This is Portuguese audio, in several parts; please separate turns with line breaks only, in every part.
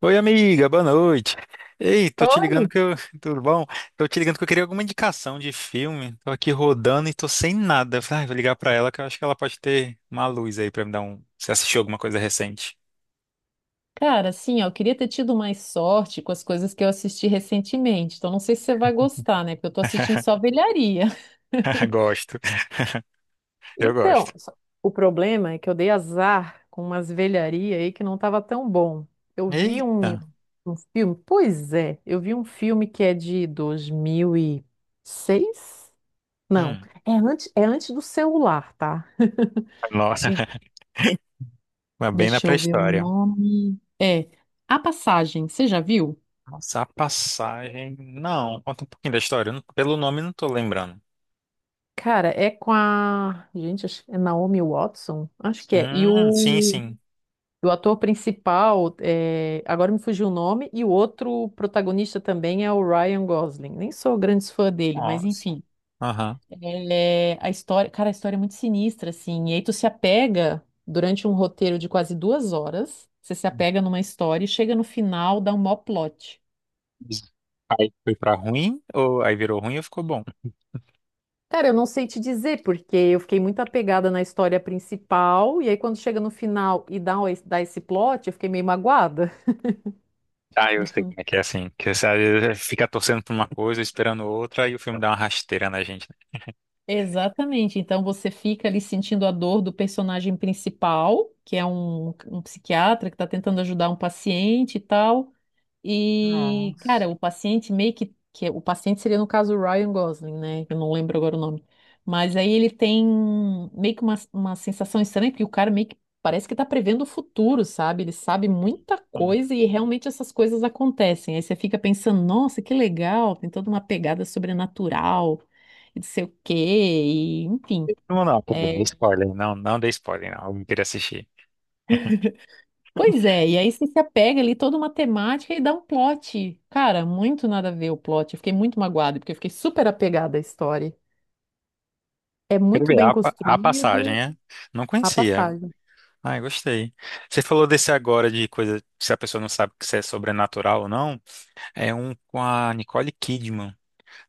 Oi, amiga, boa noite. Ei, tô te
Olha,
ligando que eu. Tudo bom? Tô te ligando que eu queria alguma indicação de filme. Tô aqui rodando e tô sem nada. Eu falei, ah, vou ligar pra ela que eu acho que ela pode ter uma luz aí pra me dar um. Você assistiu alguma coisa recente?
cara, assim, ó, eu queria ter tido mais sorte com as coisas que eu assisti recentemente. Então, não sei se você vai gostar, né? Porque eu tô assistindo só velharia.
Gosto, eu gosto.
Então, o problema é que eu dei azar com umas velharias aí que não tava tão bom. Eu vi
Eita.
um filme, pois é, eu vi um filme que é de 2006. Não,
Hum.
é antes do celular, tá?
Nossa,
Em-
mas bem na
Deixa eu ver o
pré-história.
nome. A Passagem, você já viu?
Nossa, a passagem. Não, conta um pouquinho da história. Eu não- Pelo nome, eu não tô lembrando.
Cara, é com a. Gente, é Naomi Watson? Acho que é. E
Sim,
o,
sim.
e o ator principal, agora me fugiu o nome, e o outro protagonista também é o Ryan Gosling. Nem sou grande fã dele, mas
Nossa.
enfim.
Aham.
Cara, a história é muito sinistra, assim. E aí tu se apega durante um roteiro de quase 2 horas, você se apega numa história e chega no final, dá um mó plot.
Aí foi pra ruim? Ou aí virou ruim ou ficou bom?
Cara, eu não sei te dizer, porque eu fiquei muito apegada na história principal, e aí quando chega no final e dá esse plot, eu fiquei meio magoada.
Ah, eu sei como é que é assim. Que você às vezes é, fica torcendo por uma coisa, esperando outra, e o filme dá uma rasteira na gente, né?
Exatamente. Então você fica ali sentindo a dor do personagem principal, que é um psiquiatra que está tentando ajudar um paciente e tal. E,
Nossa.
cara, o paciente meio que é- o paciente seria no caso o Ryan Gosling, né? Eu não lembro agora o nome. Mas aí ele tem meio que uma sensação estranha, porque o cara meio que parece que tá prevendo o futuro, sabe? Ele sabe muita
Não,
coisa e realmente essas coisas acontecem. Aí você fica pensando, nossa, que legal, tem toda uma pegada sobrenatural e não sei o quê, e enfim.
não, não, tudo bem,
é,
spoiler. Não, não dei spoiler, não. Eu queria assistir.
Pois é, e aí você se apega ali toda uma temática e dá um plot. Cara, muito nada a ver o plot. Eu fiquei muito magoada, porque eu fiquei super apegada à história. É
Quero
muito
ver
bem
a passagem,
construído
é? Não
a
conhecia.
passagem.
Ai, gostei. Você falou desse agora de coisa, se a pessoa não sabe se é sobrenatural ou não, é um com a Nicole Kidman.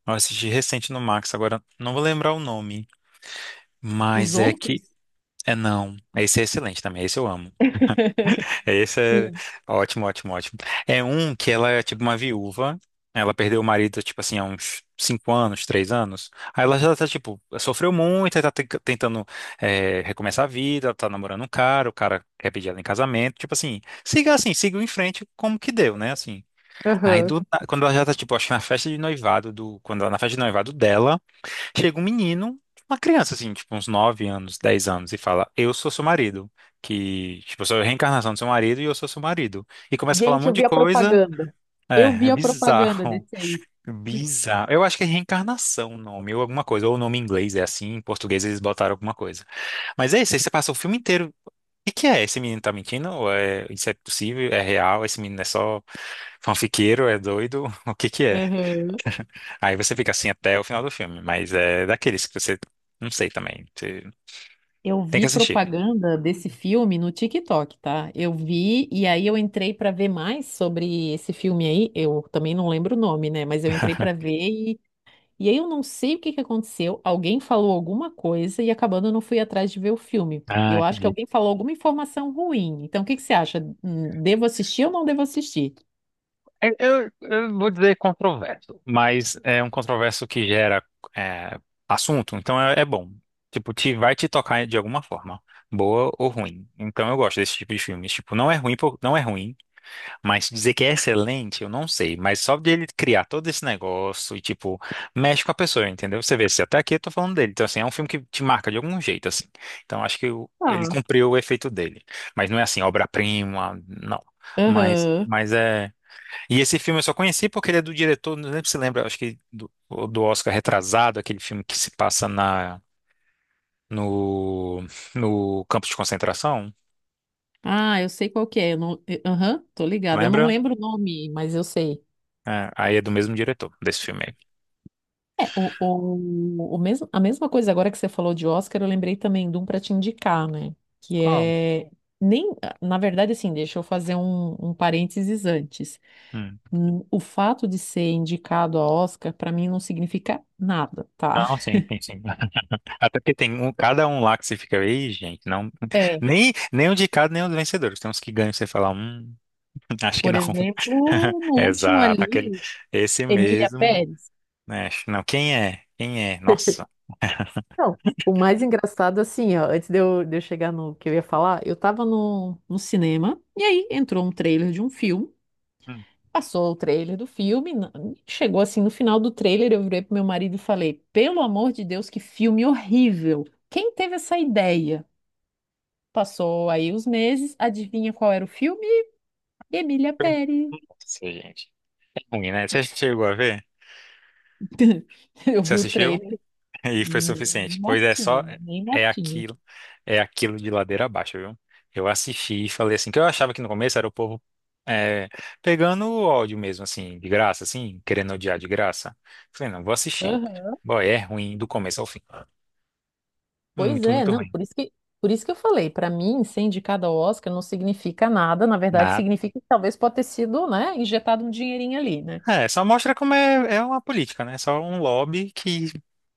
Eu assisti recente no Max, agora não vou lembrar o nome,
Os
mas é
outros?
que é não. Esse é excelente também, esse eu amo. É, esse é
Sim.
ótimo, ótimo, ótimo. É um que ela é tipo uma viúva. Ela perdeu o marido, tipo assim, há uns 5 anos, 3 anos. Aí ela já tá, tipo, sofreu muito, aí tá tentando recomeçar a vida, ela tá namorando um cara, o cara quer pedir ela em casamento. Tipo assim, siga em frente como que deu, né? Assim. Aí
Aham.
quando ela já tá, tipo, acho que na festa de noivado do. Quando ela, na festa de noivado dela. Chega um menino, uma criança assim, tipo uns 9 anos, 10 anos, e fala: eu sou seu marido. Que, tipo, eu sou a reencarnação do seu marido e eu sou seu marido. E começa a falar um
Gente, eu
monte de
vi a
coisa.
propaganda. Eu
É,
vi
é
a propaganda
bizarro.
desse aí.
Bizarro. Eu acho que é reencarnação o nome, ou alguma coisa. Ou o nome em inglês é assim, em português eles botaram alguma coisa. Mas é isso, aí você passa o filme inteiro. O que que é? Esse menino tá mentindo? Ou é, isso é possível? É real? Esse menino é só fanfiqueiro? É doido? O que que é?
Aham.
Aí você fica assim até o final do filme, mas é daqueles que você não sei também. Você
Eu
tem
vi
que assistir.
propaganda desse filme no TikTok, tá? Eu vi e aí eu entrei pra ver mais sobre esse filme aí. Eu também não lembro o nome, né? Mas eu entrei pra ver. E aí eu não sei o que que aconteceu, alguém falou alguma coisa e acabando eu não fui atrás de ver o filme.
Ah,
Eu acho que
entendi.
alguém falou alguma informação ruim. Então o que que você acha? Devo assistir ou não devo assistir?
Eu vou dizer controverso, mas é um controverso que gera é, assunto, então é bom. Tipo, vai te tocar de alguma forma, boa ou ruim. Então eu gosto desse tipo de filmes. Tipo, não é ruim, não é ruim. Mas dizer que é excelente, eu não sei. Mas só de ele criar todo esse negócio e, tipo, mexe com a pessoa, entendeu? Você vê, se até aqui eu tô falando dele. Então, assim, é um filme que te marca de algum jeito, assim. Então, acho que ele
Ah,
cumpriu o efeito dele. Mas não é assim, obra-prima, não. Mas,
aham.
mas é. E esse filme eu só conheci porque ele é do diretor, não lembro se lembra, acho que do, Oscar Retrasado, aquele filme que se passa na, no, no campo de concentração.
Ah, eu sei qual que é. Eu não- eu- Aham, tô ligada. Eu não
Lembra?
lembro o nome, mas eu sei.
É, aí é do mesmo diretor desse filme aí.
A mesma coisa agora que você falou de Oscar, eu lembrei também de um para te indicar, né? Que
Qual?
é. Nem, Na verdade, assim, deixa eu fazer um parênteses antes. O fato de ser indicado a Oscar, para mim, não significa nada, tá?
Não, sim, sim, sim. Até porque tem um, cada um lá que você fica, ei, gente, não,
É,
nem o de cada, nem o do vencedor. Tem uns que ganham, você fala, acho que
por
não.
exemplo, no último
Exato, aquele,
ali,
esse
Emília
mesmo,
Pérez.
né? Não, quem é? Quem é? Nossa.
Não, o mais engraçado, assim, ó, antes de eu chegar no que eu ia falar, eu tava no cinema, e aí entrou um trailer de um filme,
Hum.
passou o trailer do filme, chegou assim no final do trailer, eu virei pro meu marido e falei: pelo amor de Deus, que filme horrível! Quem teve essa ideia? Passou aí os meses, adivinha qual era o filme? Emília Pérez.
Nossa, gente. É ruim, né? Você chegou a ver?
Eu
Você
vi o
assistiu?
trailer,
E foi
nem
suficiente. Pois é, só
mortinha, nem
é
mortinha.
aquilo, é aquilo de ladeira abaixo, viu? Eu assisti e falei assim, que eu achava que no começo era o povo é, pegando o ódio mesmo, assim, de graça, assim, querendo odiar de graça. Falei, não, vou assistir.
Aham.
Boy, é ruim do começo ao fim.
Pois
Muito,
é,
muito
não,
ruim.
por isso que eu falei, para mim, ser indicada ao Oscar não significa nada, na verdade,
Nada.
significa que talvez pode ter sido, né, injetado um dinheirinho ali, né?
É, só mostra como é uma política, né? Só um lobby que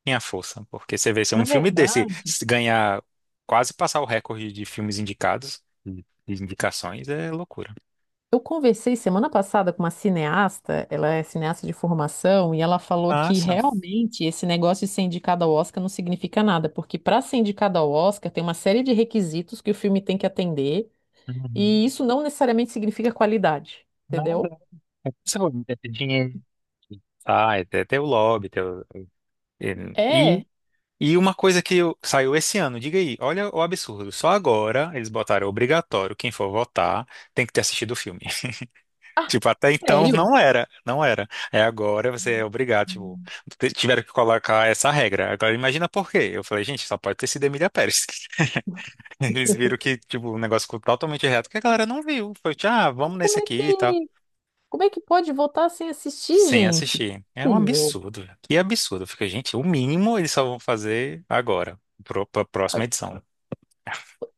tem a força. Porque você vê, se um
Na
filme desse
verdade,
se ganhar, quase passar o recorde de filmes indicados, de indicações, é loucura.
eu conversei semana passada com uma cineasta, ela é cineasta de formação, e ela falou que
Massa.
realmente esse negócio de ser indicada ao Oscar não significa nada, porque para ser indicada ao Oscar tem uma série de requisitos que o filme tem que atender.
Uhum.
E isso não necessariamente significa qualidade, entendeu?
Nada. É pessoa, é ter dinheiro. Ah, é ter o lobby. Ter o...
É.
E, e uma coisa saiu esse ano, diga aí, olha o absurdo. Só agora eles botaram obrigatório, quem for votar tem que ter assistido o filme.
Ah,
Tipo, até então
sério?
não era, não era. É agora você é obrigado, tipo,
Hum.
tiveram que colocar essa regra. Agora imagina por quê. Eu falei, gente, só pode ter sido Emília Pérez. Eles viram que, tipo, o negócio ficou totalmente reto, que a galera não viu. Foi, tipo, ah,
Mas
vamos
como
nesse
é
aqui e tal.
que, como é que pode votar sem assistir,
Sem
gente?
assistir. É um
Possível.
absurdo, velho. Que absurdo. Fica, gente, o mínimo eles só vão fazer agora, pra
Ah,
próxima edição.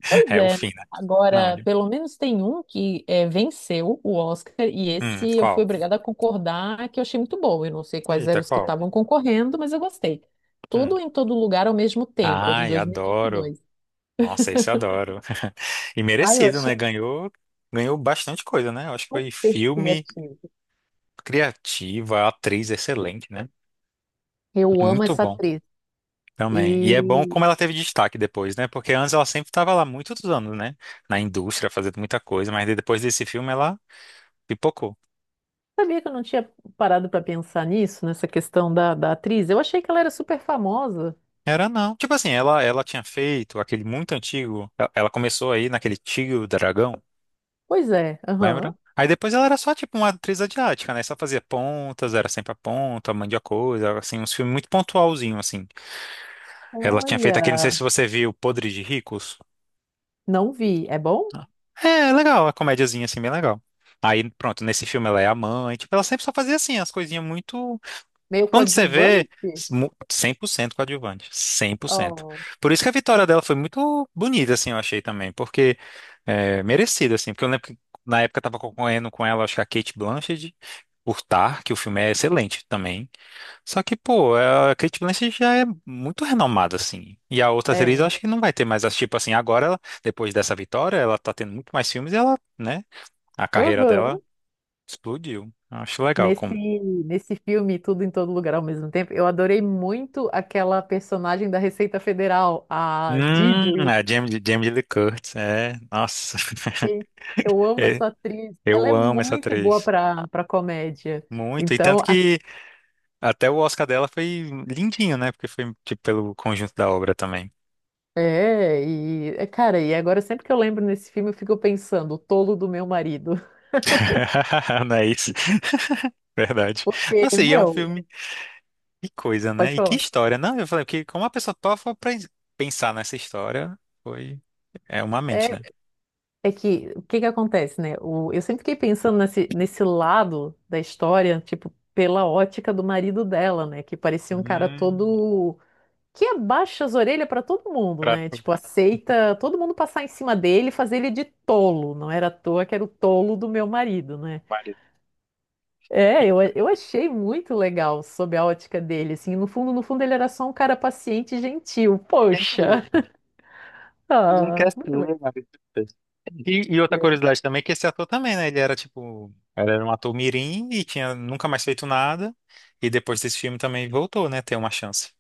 pois
É o
é, né?
fim, né? Não,
Agora, pelo menos tem um venceu o Oscar, e esse eu fui
qual?
obrigada a concordar que eu achei muito bom. Eu não sei quais eram
Eita,
os que
qual?
estavam concorrendo, mas eu gostei.
Hum.
Tudo em Todo Lugar ao Mesmo Tempo, é de
Ai,
dois mil e vinte e
adoro.
dois.
Nossa, esse eu adoro. E
Ah, eu
merecido,
achei
né? Ganhou bastante coisa, né? Eu acho que foi
super
filme
criativo.
criativa, atriz excelente, né?
Eu amo
Muito
essa
bom
atriz.
também. E é bom
E
como ela teve destaque depois, né? Porque antes ela sempre estava lá muitos anos, né? Na indústria, fazendo muita coisa, mas depois desse filme ela pipocou.
sabia que eu não tinha parado pra pensar nisso, nessa questão da atriz? Eu achei que ela era super famosa.
Era não. Tipo assim, ela tinha feito aquele muito antigo. Ela começou aí naquele Tio Dragão,
Pois é,
lembra?
aham.
Aí depois ela era só tipo uma atriz asiática, né? Só fazia pontas, era sempre a ponta, mandia coisa, assim, uns filmes muito pontualzinho, assim. Ela tinha feito
Olha,
aquele, não sei se você viu, Podre de Ricos.
não vi. É bom?
É legal, a comédiazinha assim, bem legal. Aí, pronto, nesse filme ela é a mãe, tipo, ela sempre só fazia assim, as coisinhas muito.
Meio
Quando você vê,
coadjuvante?
100% coadjuvante, 100%.
Oh,
Por isso que a vitória dela foi muito bonita, assim, eu achei também, porque merecida, assim, porque eu lembro que na época eu tava concorrendo com ela, acho que a Kate Blanchett, por Tar, que o filme é excelente também. Só que, pô, a Kate Blanchett já é muito renomada, assim, e a outra atriz eu
é.
acho que não vai ter mais, as tipo assim, agora, ela, depois dessa vitória, ela tá tendo muito mais filmes e ela, né, a carreira
Aham.
dela explodiu. Eu acho legal,
Nesse,
como
nesse filme, Tudo em Todo Lugar ao Mesmo Tempo, eu adorei muito aquela personagem da Receita Federal, a
Hum,
Deirdre.
a Jamie Lee Curtis, é. Nossa,
Sim, eu amo
é,
essa atriz. Ela é
eu amo essa
muito boa
atriz.
para comédia.
Muito. E tanto
Então,
que até o Oscar dela foi lindinho, né? Porque foi, tipo, pelo conjunto da obra também.
Cara, e agora sempre que eu lembro nesse filme, eu fico pensando, o tolo do meu marido.
Não é isso? Verdade.
Porque,
Nossa, e é um
meu,
filme. Que coisa,
pode
né? E que
falar.
história, não? Eu falei, porque como a pessoa topa pra pensar nessa história, foi. É uma mente,
É,
né?
é que o que que acontece, né? Eu sempre fiquei pensando nesse lado da história, tipo, pela ótica do marido dela, né? Que parecia um cara
Hum,
todo que abaixa as orelhas pra todo mundo,
pra...
né? Tipo, aceita todo mundo passar em cima dele e fazer ele de tolo. Não era à toa que era o tolo do meu marido, né? Eu achei muito legal sob a ótica dele, assim, no fundo, no fundo ele era só um cara paciente e gentil,
Gente,
poxa,
fez um
ah,
castor,
muito legal.
mano. E outra
É.
curiosidade também é que esse ator também, né? Ele era tipo, ele era um ator mirim e tinha nunca mais feito nada. E depois desse filme também voltou, né? Ter uma chance.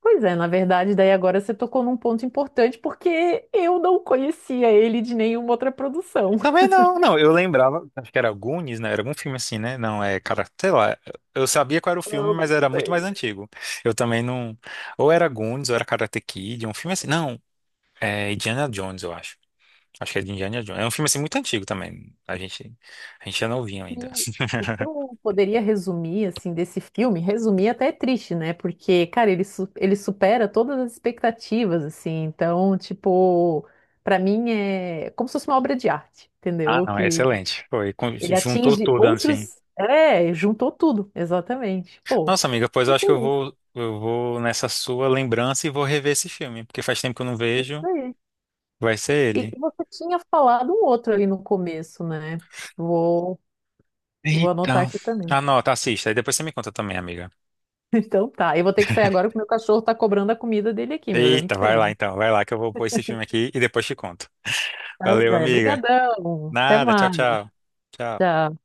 Pois é, na verdade, daí agora você tocou num ponto importante, porque eu não conhecia ele de nenhuma outra produção.
Também não, não. Eu lembrava, acho que era Goonies, né? Era algum filme assim, né? Não, é, cara, sei lá. Eu sabia qual era o filme,
Eu
mas
não
era muito mais
sei.
antigo. Eu também não. Ou era Goonies, ou era Karate Kid, um filme assim. Não, é Indiana Jones, eu acho. Acho que é de Indiana Jones. É um filme assim muito antigo também. A gente é novinho ainda.
E o que eu poderia resumir, assim, desse filme, resumir até é triste, né, porque, cara, ele supera todas as expectativas, assim, então, tipo... Pra mim é como se fosse uma obra de arte,
Ah,
entendeu?
não, é
Que
excelente. Foi,
ele
juntou
atinge
tudo assim.
outros. É, juntou tudo, exatamente. Pô,
Nossa, amiga, pois eu
fiquei
acho que eu
feliz.
vou, eu vou nessa sua lembrança e vou rever esse filme, porque faz tempo que eu não
Isso
vejo.
aí.
Vai ser
E
ele.
você tinha falado um outro ali no começo, né? Vou, vou
Eita.
anotar aqui também.
Anota, assista, e depois você me conta também, amiga.
Então tá. Eu vou ter que sair agora porque meu cachorro tá cobrando a comida dele aqui, me olhando
Eita, vai lá
feio.
então, vai lá que eu vou pôr esse filme aqui e depois te conto.
Tá,
Valeu,
joia.
amiga.
Obrigadão. Até
Nada, tchau,
mais.
tchau. Tchau.
Tchau.